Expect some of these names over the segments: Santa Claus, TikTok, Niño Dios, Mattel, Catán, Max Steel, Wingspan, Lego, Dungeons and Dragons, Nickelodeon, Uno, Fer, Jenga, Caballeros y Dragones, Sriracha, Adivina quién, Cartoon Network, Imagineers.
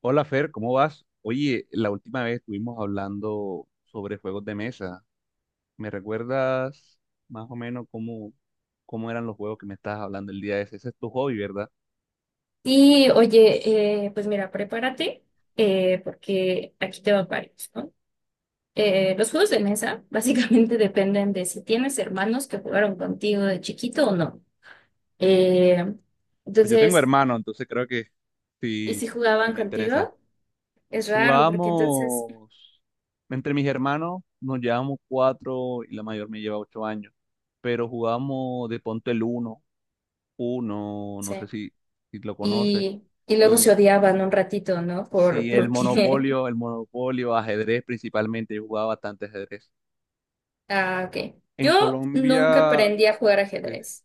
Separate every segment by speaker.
Speaker 1: Hola Fer, ¿cómo vas? Oye, la última vez estuvimos hablando sobre juegos de mesa. ¿Me recuerdas más o menos cómo eran los juegos que me estabas hablando el día de ese? Ese es tu hobby, ¿verdad?
Speaker 2: Y oye, pues mira, prepárate porque aquí te van varios, ¿no? Los juegos de mesa básicamente dependen de si tienes hermanos que jugaron contigo de chiquito o no. Eh,
Speaker 1: Pues yo tengo
Speaker 2: entonces,
Speaker 1: hermano, entonces creo que
Speaker 2: y
Speaker 1: sí,
Speaker 2: si
Speaker 1: sí
Speaker 2: jugaban
Speaker 1: me interesa.
Speaker 2: contigo, es raro porque entonces,
Speaker 1: Jugamos entre mis hermanos nos llevamos cuatro y la mayor me lleva 8 años, pero jugamos de ponte el uno, uno,
Speaker 2: sí.
Speaker 1: no sé si lo conoces.
Speaker 2: Y luego se
Speaker 1: Y
Speaker 2: odiaban un ratito, ¿no? Por,
Speaker 1: sí, el
Speaker 2: porque,
Speaker 1: monopolio, el monopolio, ajedrez principalmente, yo jugaba bastante ajedrez.
Speaker 2: ah, ok.
Speaker 1: En
Speaker 2: Yo nunca
Speaker 1: Colombia,
Speaker 2: aprendí a jugar
Speaker 1: sí.
Speaker 2: ajedrez.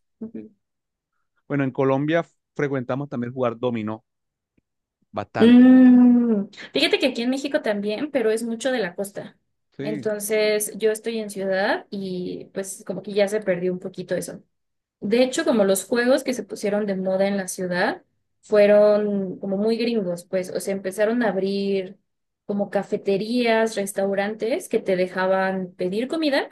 Speaker 1: Bueno, en Colombia frecuentamos también jugar dominó bastante.
Speaker 2: Mm, Fíjate que aquí en México también, pero es mucho de la costa.
Speaker 1: Sí, o
Speaker 2: Entonces, yo estoy en ciudad y pues como que ya se perdió un poquito eso. De hecho, como los juegos que se pusieron de moda en la ciudad fueron como muy gringos, pues, o sea, empezaron a abrir como cafeterías, restaurantes que te dejaban pedir comida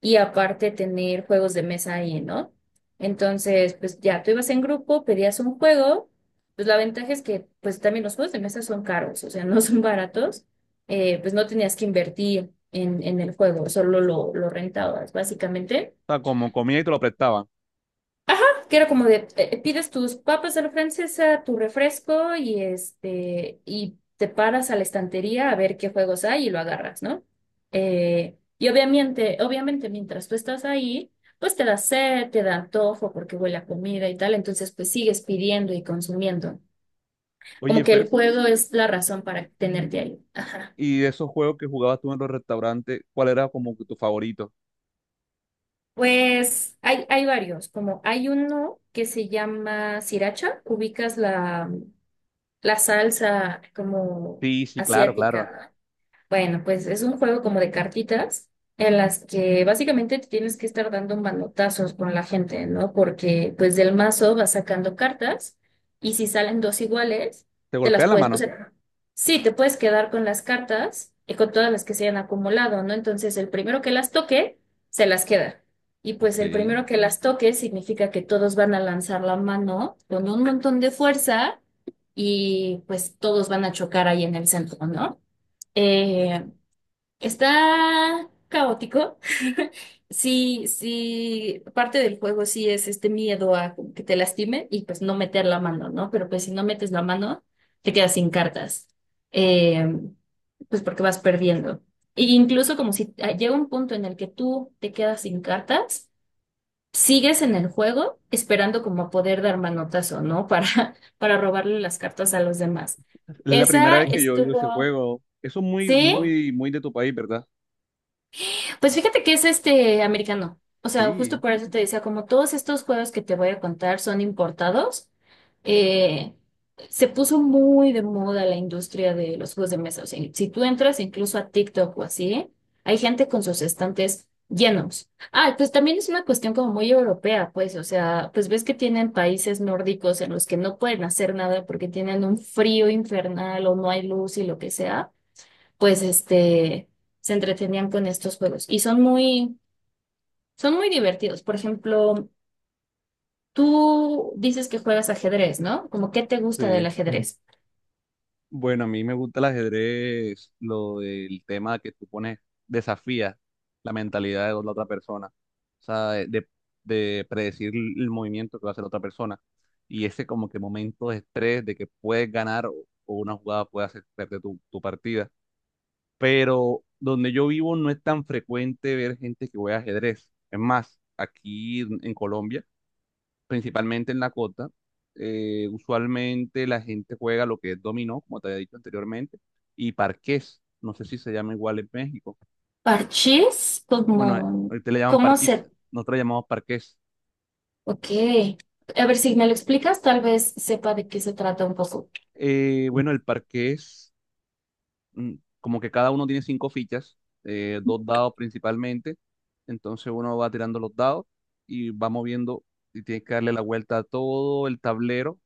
Speaker 2: y aparte tener juegos de mesa ahí, ¿no? Entonces, pues ya tú ibas en grupo, pedías un juego, pues la ventaja es que pues también los juegos de mesa son caros, o sea, no son baratos, pues no tenías que invertir en el juego, solo lo rentabas, básicamente.
Speaker 1: sea, como comía y te lo prestaban.
Speaker 2: Ajá, que era como de, pides tus papas a la francesa, tu refresco y este, y te paras a la estantería a ver qué juegos hay y lo agarras, ¿no? Y obviamente mientras tú estás ahí, pues te da sed, te da antojo porque huele a comida y tal, entonces pues sigues pidiendo y consumiendo. Como
Speaker 1: Oye,
Speaker 2: que el
Speaker 1: Fer,
Speaker 2: juego es la razón para tenerte ahí.
Speaker 1: ¿y de esos juegos que jugabas tú en los restaurantes, cuál era como que tu favorito?
Speaker 2: Pues hay varios, como hay uno que se llama Sriracha, ubicas la, la salsa como
Speaker 1: Sí, sí, claro, claro.
Speaker 2: asiática. Bueno, pues es un juego como de cartitas en las que básicamente te tienes que estar dando manotazos con la gente, ¿no? Porque pues del mazo vas sacando cartas y si salen dos iguales,
Speaker 1: ¿Te golpea la
Speaker 2: o
Speaker 1: mano?
Speaker 2: sea, sí, te puedes quedar con las cartas y con todas las que se hayan acumulado, ¿no? Entonces el primero que las toque, se las queda. Y pues
Speaker 1: Ok.
Speaker 2: el
Speaker 1: Es
Speaker 2: primero que las toque significa que todos van a lanzar la mano con un montón de fuerza y pues todos van a chocar ahí en el centro, ¿no? Eh, Está caótico. Sí, sí, parte del juego sí es este miedo a que te lastime y pues no meter la mano, ¿no? Pero pues si no metes la mano, te quedas sin cartas. Eh, pues porque vas perdiendo. E incluso como si llega un punto en el que tú te quedas sin cartas, sigues en el juego esperando como a poder dar manotazo, ¿no? Para, para robarle las cartas a los demás.
Speaker 1: la primera
Speaker 2: Esa
Speaker 1: vez que yo he oído ese
Speaker 2: estuvo,
Speaker 1: juego. Eso es muy,
Speaker 2: ¿sí?
Speaker 1: muy, muy de tu país, ¿verdad?
Speaker 2: Pues fíjate que es este americano. O sea, justo
Speaker 1: Sí,
Speaker 2: por eso te decía, como todos estos juegos que te voy a contar son importados, eh, se puso muy de moda la industria de los juegos de mesa. O sea, si tú entras incluso a TikTok o así, hay gente con sus estantes llenos. Ah, pues también es una cuestión como muy europea, pues, o sea, pues ves que tienen países nórdicos en los que no pueden hacer nada porque tienen un frío infernal o no hay luz y lo que sea pues se entretenían con estos juegos. Y son muy divertidos. Por ejemplo, tú dices que juegas ajedrez, ¿no? Como, ¿qué te gusta del
Speaker 1: sí.
Speaker 2: ajedrez?
Speaker 1: Bueno, a mí me gusta el ajedrez, lo del tema que tú pones, desafías la mentalidad de la otra persona, o sea, de predecir el movimiento que va a hacer la otra persona y ese como que momento de estrés de que puedes ganar o una jugada puede hacer perder tu partida. Pero donde yo vivo no es tan frecuente ver gente que juega ajedrez. Es más, aquí en Colombia principalmente en la costa. Usualmente la gente juega lo que es dominó, como te había dicho anteriormente, y parqués. No sé si se llama igual en México.
Speaker 2: Parchís,
Speaker 1: Bueno, ahorita le llaman
Speaker 2: ¿cómo
Speaker 1: parquís,
Speaker 2: se...?
Speaker 1: nosotros le llamamos parqués.
Speaker 2: Ok. A ver, si me lo explicas, tal vez sepa de qué se trata un poco.
Speaker 1: Bueno, el parqués, mm, como que cada uno tiene cinco fichas, dos dados principalmente. Entonces uno va tirando los dados y va moviendo y tiene que darle la vuelta a todo el tablero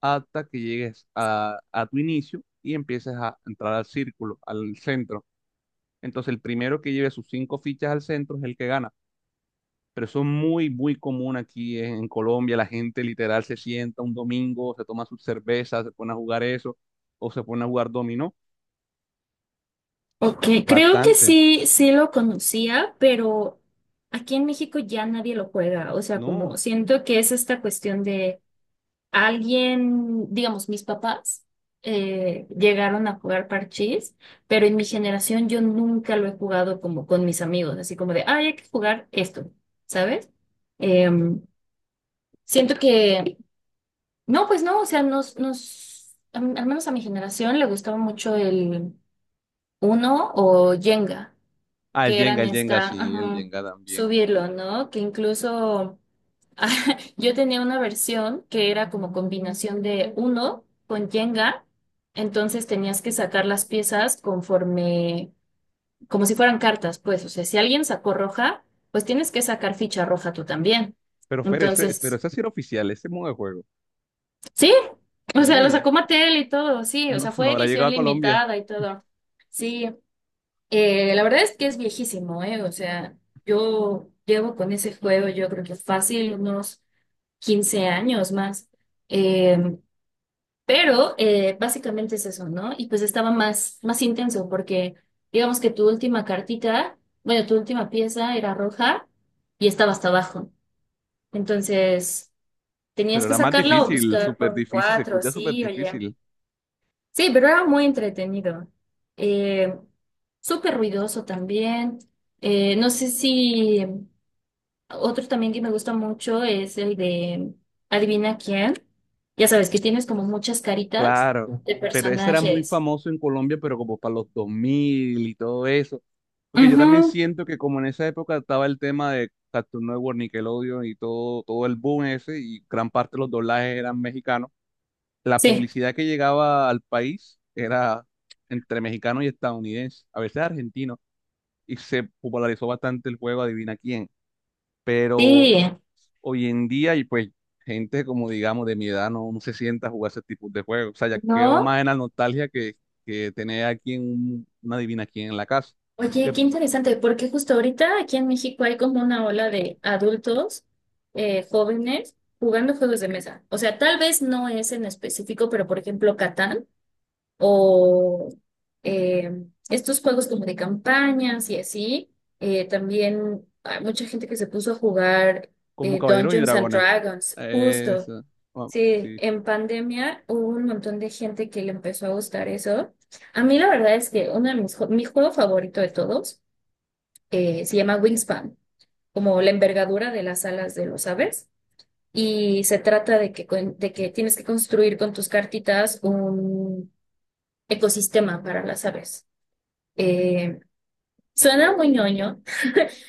Speaker 1: hasta que llegues a tu inicio y empieces a entrar al círculo, al centro. Entonces, el primero que lleve sus cinco fichas al centro es el que gana. Pero eso es muy, muy común aquí en Colombia. La gente literal se sienta un domingo, se toma sus cervezas, se pone a jugar eso, o se pone a jugar dominó.
Speaker 2: Ok, creo que
Speaker 1: Bastante,
Speaker 2: sí, sí lo conocía, pero aquí en México ya nadie lo juega. O sea, como
Speaker 1: ¿no?
Speaker 2: siento que es esta cuestión de alguien, digamos, mis papás llegaron a jugar parchís, pero en mi generación yo nunca lo he jugado como con mis amigos, así como de, ay, hay que jugar esto, ¿sabes? Em, Siento que, no, pues no, o sea, al menos a mi generación le gustaba mucho el Uno o Jenga
Speaker 1: Ah,
Speaker 2: que eran
Speaker 1: El Jenga, sí, el
Speaker 2: ajá,
Speaker 1: Jenga también.
Speaker 2: subirlo, ¿no? Que incluso yo tenía una versión que era como combinación de uno con Jenga, entonces tenías que sacar las piezas conforme, como si fueran cartas, pues, o sea, si alguien sacó roja, pues tienes que sacar ficha roja tú también.
Speaker 1: Pero Fer, pero
Speaker 2: Entonces,
Speaker 1: ese sí era oficial, ese modo de juego.
Speaker 2: sí, o sea, lo
Speaker 1: Sí,
Speaker 2: sacó Mattel y todo, sí, o
Speaker 1: no,
Speaker 2: sea,
Speaker 1: no
Speaker 2: fue
Speaker 1: habrá
Speaker 2: edición
Speaker 1: llegado a Colombia,
Speaker 2: limitada y todo. Sí. La verdad es que es viejísimo, ¿eh? O sea, yo llevo con ese juego, yo creo que fácil, unos 15 años más. Eh, pero básicamente es eso, ¿no? Y pues estaba más, más intenso porque digamos que tu última cartita, bueno, tu última pieza era roja y estaba hasta abajo. Entonces, tenías
Speaker 1: pero
Speaker 2: que
Speaker 1: era más
Speaker 2: sacarla o
Speaker 1: difícil,
Speaker 2: buscar por
Speaker 1: súper
Speaker 2: un
Speaker 1: difícil, se
Speaker 2: 4
Speaker 1: escucha súper
Speaker 2: sí, oye.
Speaker 1: difícil.
Speaker 2: Sí, pero era muy entretenido. Eh, Súper ruidoso también. No sé si otro también que me gusta mucho es el de Adivina quién. Ya sabes que tienes como muchas caritas
Speaker 1: Claro,
Speaker 2: de
Speaker 1: pero ese era muy
Speaker 2: personajes.
Speaker 1: famoso en Colombia, pero como para los 2000 y todo eso. Porque yo también
Speaker 2: Ujú.
Speaker 1: siento que como en esa época estaba el tema de Cartoon Network, Nickelodeon y todo, todo el boom ese, y gran parte de los doblajes eran mexicanos, la
Speaker 2: Sí,
Speaker 1: publicidad que llegaba al país era entre mexicano y estadounidense, a veces argentino, y se popularizó bastante el juego Adivina quién. Pero
Speaker 2: sí,
Speaker 1: hoy en día y pues gente como digamos de mi edad no, no se sienta a jugar ese tipo de juegos. O sea, ya quedo más
Speaker 2: ¿no?
Speaker 1: en la nostalgia que tener aquí una divina aquí en la casa.
Speaker 2: Oye,
Speaker 1: Eh,
Speaker 2: qué interesante, porque justo ahorita aquí en México hay como una ola de adultos jóvenes jugando juegos de mesa. O sea, tal vez no es en específico, pero por ejemplo, Catán, o estos juegos como de campañas y así. También hay mucha gente que se puso a jugar
Speaker 1: como Caballeros y
Speaker 2: Dungeons and
Speaker 1: Dragones.
Speaker 2: Dragons, justo.
Speaker 1: Eso. Bueno,
Speaker 2: Sí,
Speaker 1: sí.
Speaker 2: en pandemia hubo un montón de gente que le empezó a gustar eso. A mí la verdad es que uno de mis, jue- mi juego favorito de todos se llama Wingspan, como la envergadura de las alas de los aves. Y se trata de que, de que tienes que construir con tus cartitas ecosistema para las aves. Eh, Suena muy ñoño,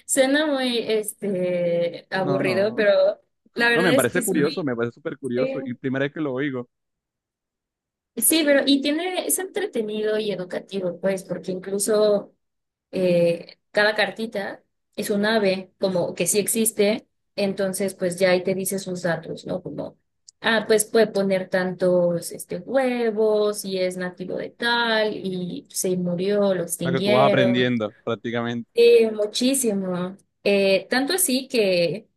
Speaker 2: suena muy
Speaker 1: No,
Speaker 2: aburrido,
Speaker 1: no.
Speaker 2: pero la
Speaker 1: No,
Speaker 2: verdad
Speaker 1: me
Speaker 2: es que
Speaker 1: parece
Speaker 2: es
Speaker 1: curioso,
Speaker 2: muy...
Speaker 1: me parece súper curioso.
Speaker 2: Sí,
Speaker 1: Y primera vez que lo oigo, o
Speaker 2: sí, pero es entretenido y educativo, pues, porque incluso cada cartita es un ave, como que sí existe, entonces pues ya ahí te dice sus datos, ¿no? Como, ah, pues puede poner tantos huevos y es nativo de tal y se murió, lo
Speaker 1: sea, que tú vas
Speaker 2: extinguieron.
Speaker 1: aprendiendo prácticamente.
Speaker 2: Sí, muchísimo. Tanto así que,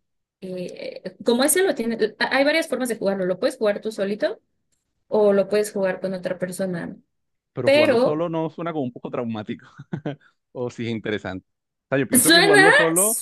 Speaker 2: como ese lo tiene, hay varias formas de jugarlo. Lo puedes jugar tú solito o lo puedes jugar con otra persona.
Speaker 1: Pero jugarlo
Speaker 2: Pero
Speaker 1: solo no suena como un poco traumático. O sí es interesante. O sea, yo pienso que jugarlo
Speaker 2: suena,
Speaker 1: solo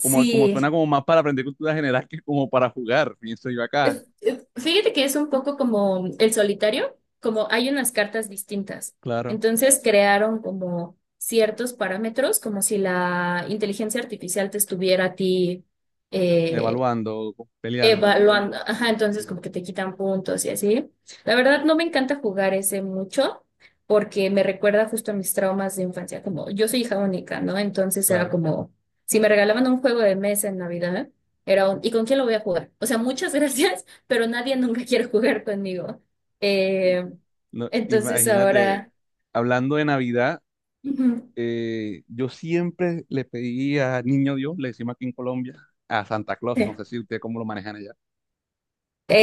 Speaker 1: como, como suena como más para aprender cultura general que como para jugar, pienso yo acá.
Speaker 2: Fíjate que es un poco como el solitario, como hay unas cartas distintas.
Speaker 1: Claro,
Speaker 2: Entonces crearon como ciertos parámetros, como si la inteligencia artificial te estuviera a ti. eh,
Speaker 1: evaluando, peleando, no sé.
Speaker 2: Evaluando, ajá,
Speaker 1: Sí,
Speaker 2: entonces como que te quitan puntos y así. La verdad no me encanta jugar ese mucho porque me recuerda justo a mis traumas de infancia, como yo soy hija única, ¿no? Entonces era
Speaker 1: claro.
Speaker 2: como, si me regalaban un juego de mesa en Navidad, ¿y con quién lo voy a jugar? O sea, muchas gracias, pero nadie nunca quiere jugar conmigo. Eh,
Speaker 1: No,
Speaker 2: entonces
Speaker 1: imagínate,
Speaker 2: ahora,
Speaker 1: hablando de Navidad,
Speaker 2: ujú,
Speaker 1: yo siempre le pedí a Niño Dios, le decimos aquí en Colombia, a Santa Claus,
Speaker 2: sí.
Speaker 1: no sé si usted cómo lo manejan allá.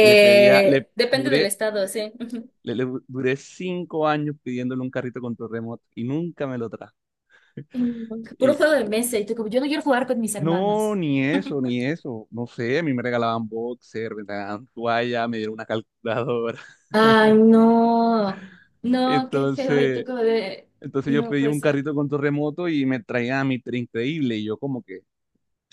Speaker 1: Le pedía, le
Speaker 2: Depende del
Speaker 1: duré,
Speaker 2: estado, sí. Ujú.
Speaker 1: le duré 5 años pidiéndole un carrito con remoto y nunca me lo trajo.
Speaker 2: Puro
Speaker 1: Y
Speaker 2: juego de mesa y tú como, yo no quiero jugar con mis
Speaker 1: no,
Speaker 2: hermanos.
Speaker 1: ni eso, ni eso. No sé, a mí me regalaban boxer, me regalaban toalla, me dieron una calculadora.
Speaker 2: Ay, no, no, qué feo. Y tú
Speaker 1: Entonces.
Speaker 2: como de,
Speaker 1: Entonces yo
Speaker 2: no
Speaker 1: pedí
Speaker 2: puede
Speaker 1: un
Speaker 2: ser.
Speaker 1: carrito con torremoto y me traía mi tren Increíble y yo como que,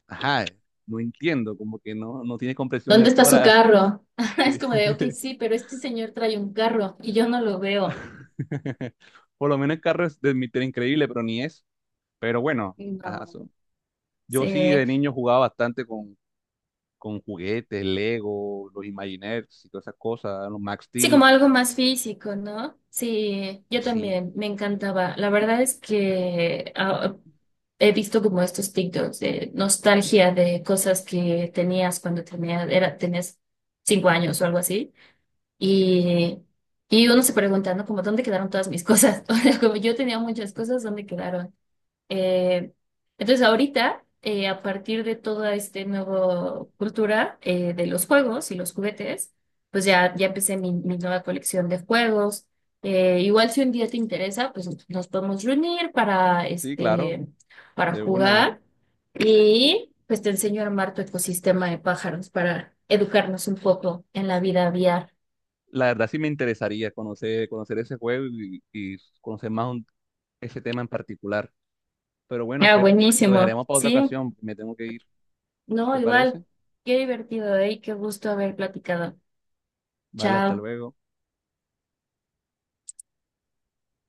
Speaker 1: ajá, no entiendo, como que no, no tiene compresión
Speaker 2: ¿Dónde está su
Speaker 1: lectora.
Speaker 2: carro? Es
Speaker 1: Sí.
Speaker 2: como de, ok, sí, pero este señor trae un carro y yo no lo veo.
Speaker 1: Por lo menos el carro es de mi tren Increíble, pero ni es. Pero bueno, ajá,
Speaker 2: No.
Speaker 1: son-
Speaker 2: Sí,
Speaker 1: yo sí de niño jugaba bastante con, juguetes, Lego, los Imagineers y todas esas cosas, los Max
Speaker 2: sí, como
Speaker 1: Steel.
Speaker 2: algo más físico, ¿no? Sí, yo
Speaker 1: Sí,
Speaker 2: también, me encantaba. La verdad es que he visto como estos TikToks de nostalgia de cosas que tenías cuando tenía, era, tenías 5 años o algo así. Y, y uno se pregunta, ¿no? Como, ¿dónde quedaron todas mis cosas? O sea, como yo tenía muchas cosas, ¿dónde quedaron? Eh, entonces, ahorita, a partir de toda esta nueva cultura de los juegos y los juguetes, pues ya empecé mi nueva colección de juegos. Igual si un día te interesa, pues nos podemos reunir para,
Speaker 1: sí, claro,
Speaker 2: este, para
Speaker 1: de una.
Speaker 2: jugar y pues te enseño a armar tu ecosistema de pájaros para educarnos un poco en la vida aviar.
Speaker 1: La verdad sí me interesaría conocer, conocer ese juego y conocer más un- ese tema en particular. Pero bueno,
Speaker 2: Ah,
Speaker 1: Fer, lo
Speaker 2: buenísimo.
Speaker 1: dejaremos para otra
Speaker 2: Sí,
Speaker 1: ocasión. Me tengo que ir.
Speaker 2: no,
Speaker 1: ¿Te parece?
Speaker 2: igual. Qué divertido, ¿eh? Y qué gusto haber platicado.
Speaker 1: Vale, hasta
Speaker 2: Chao.
Speaker 1: luego.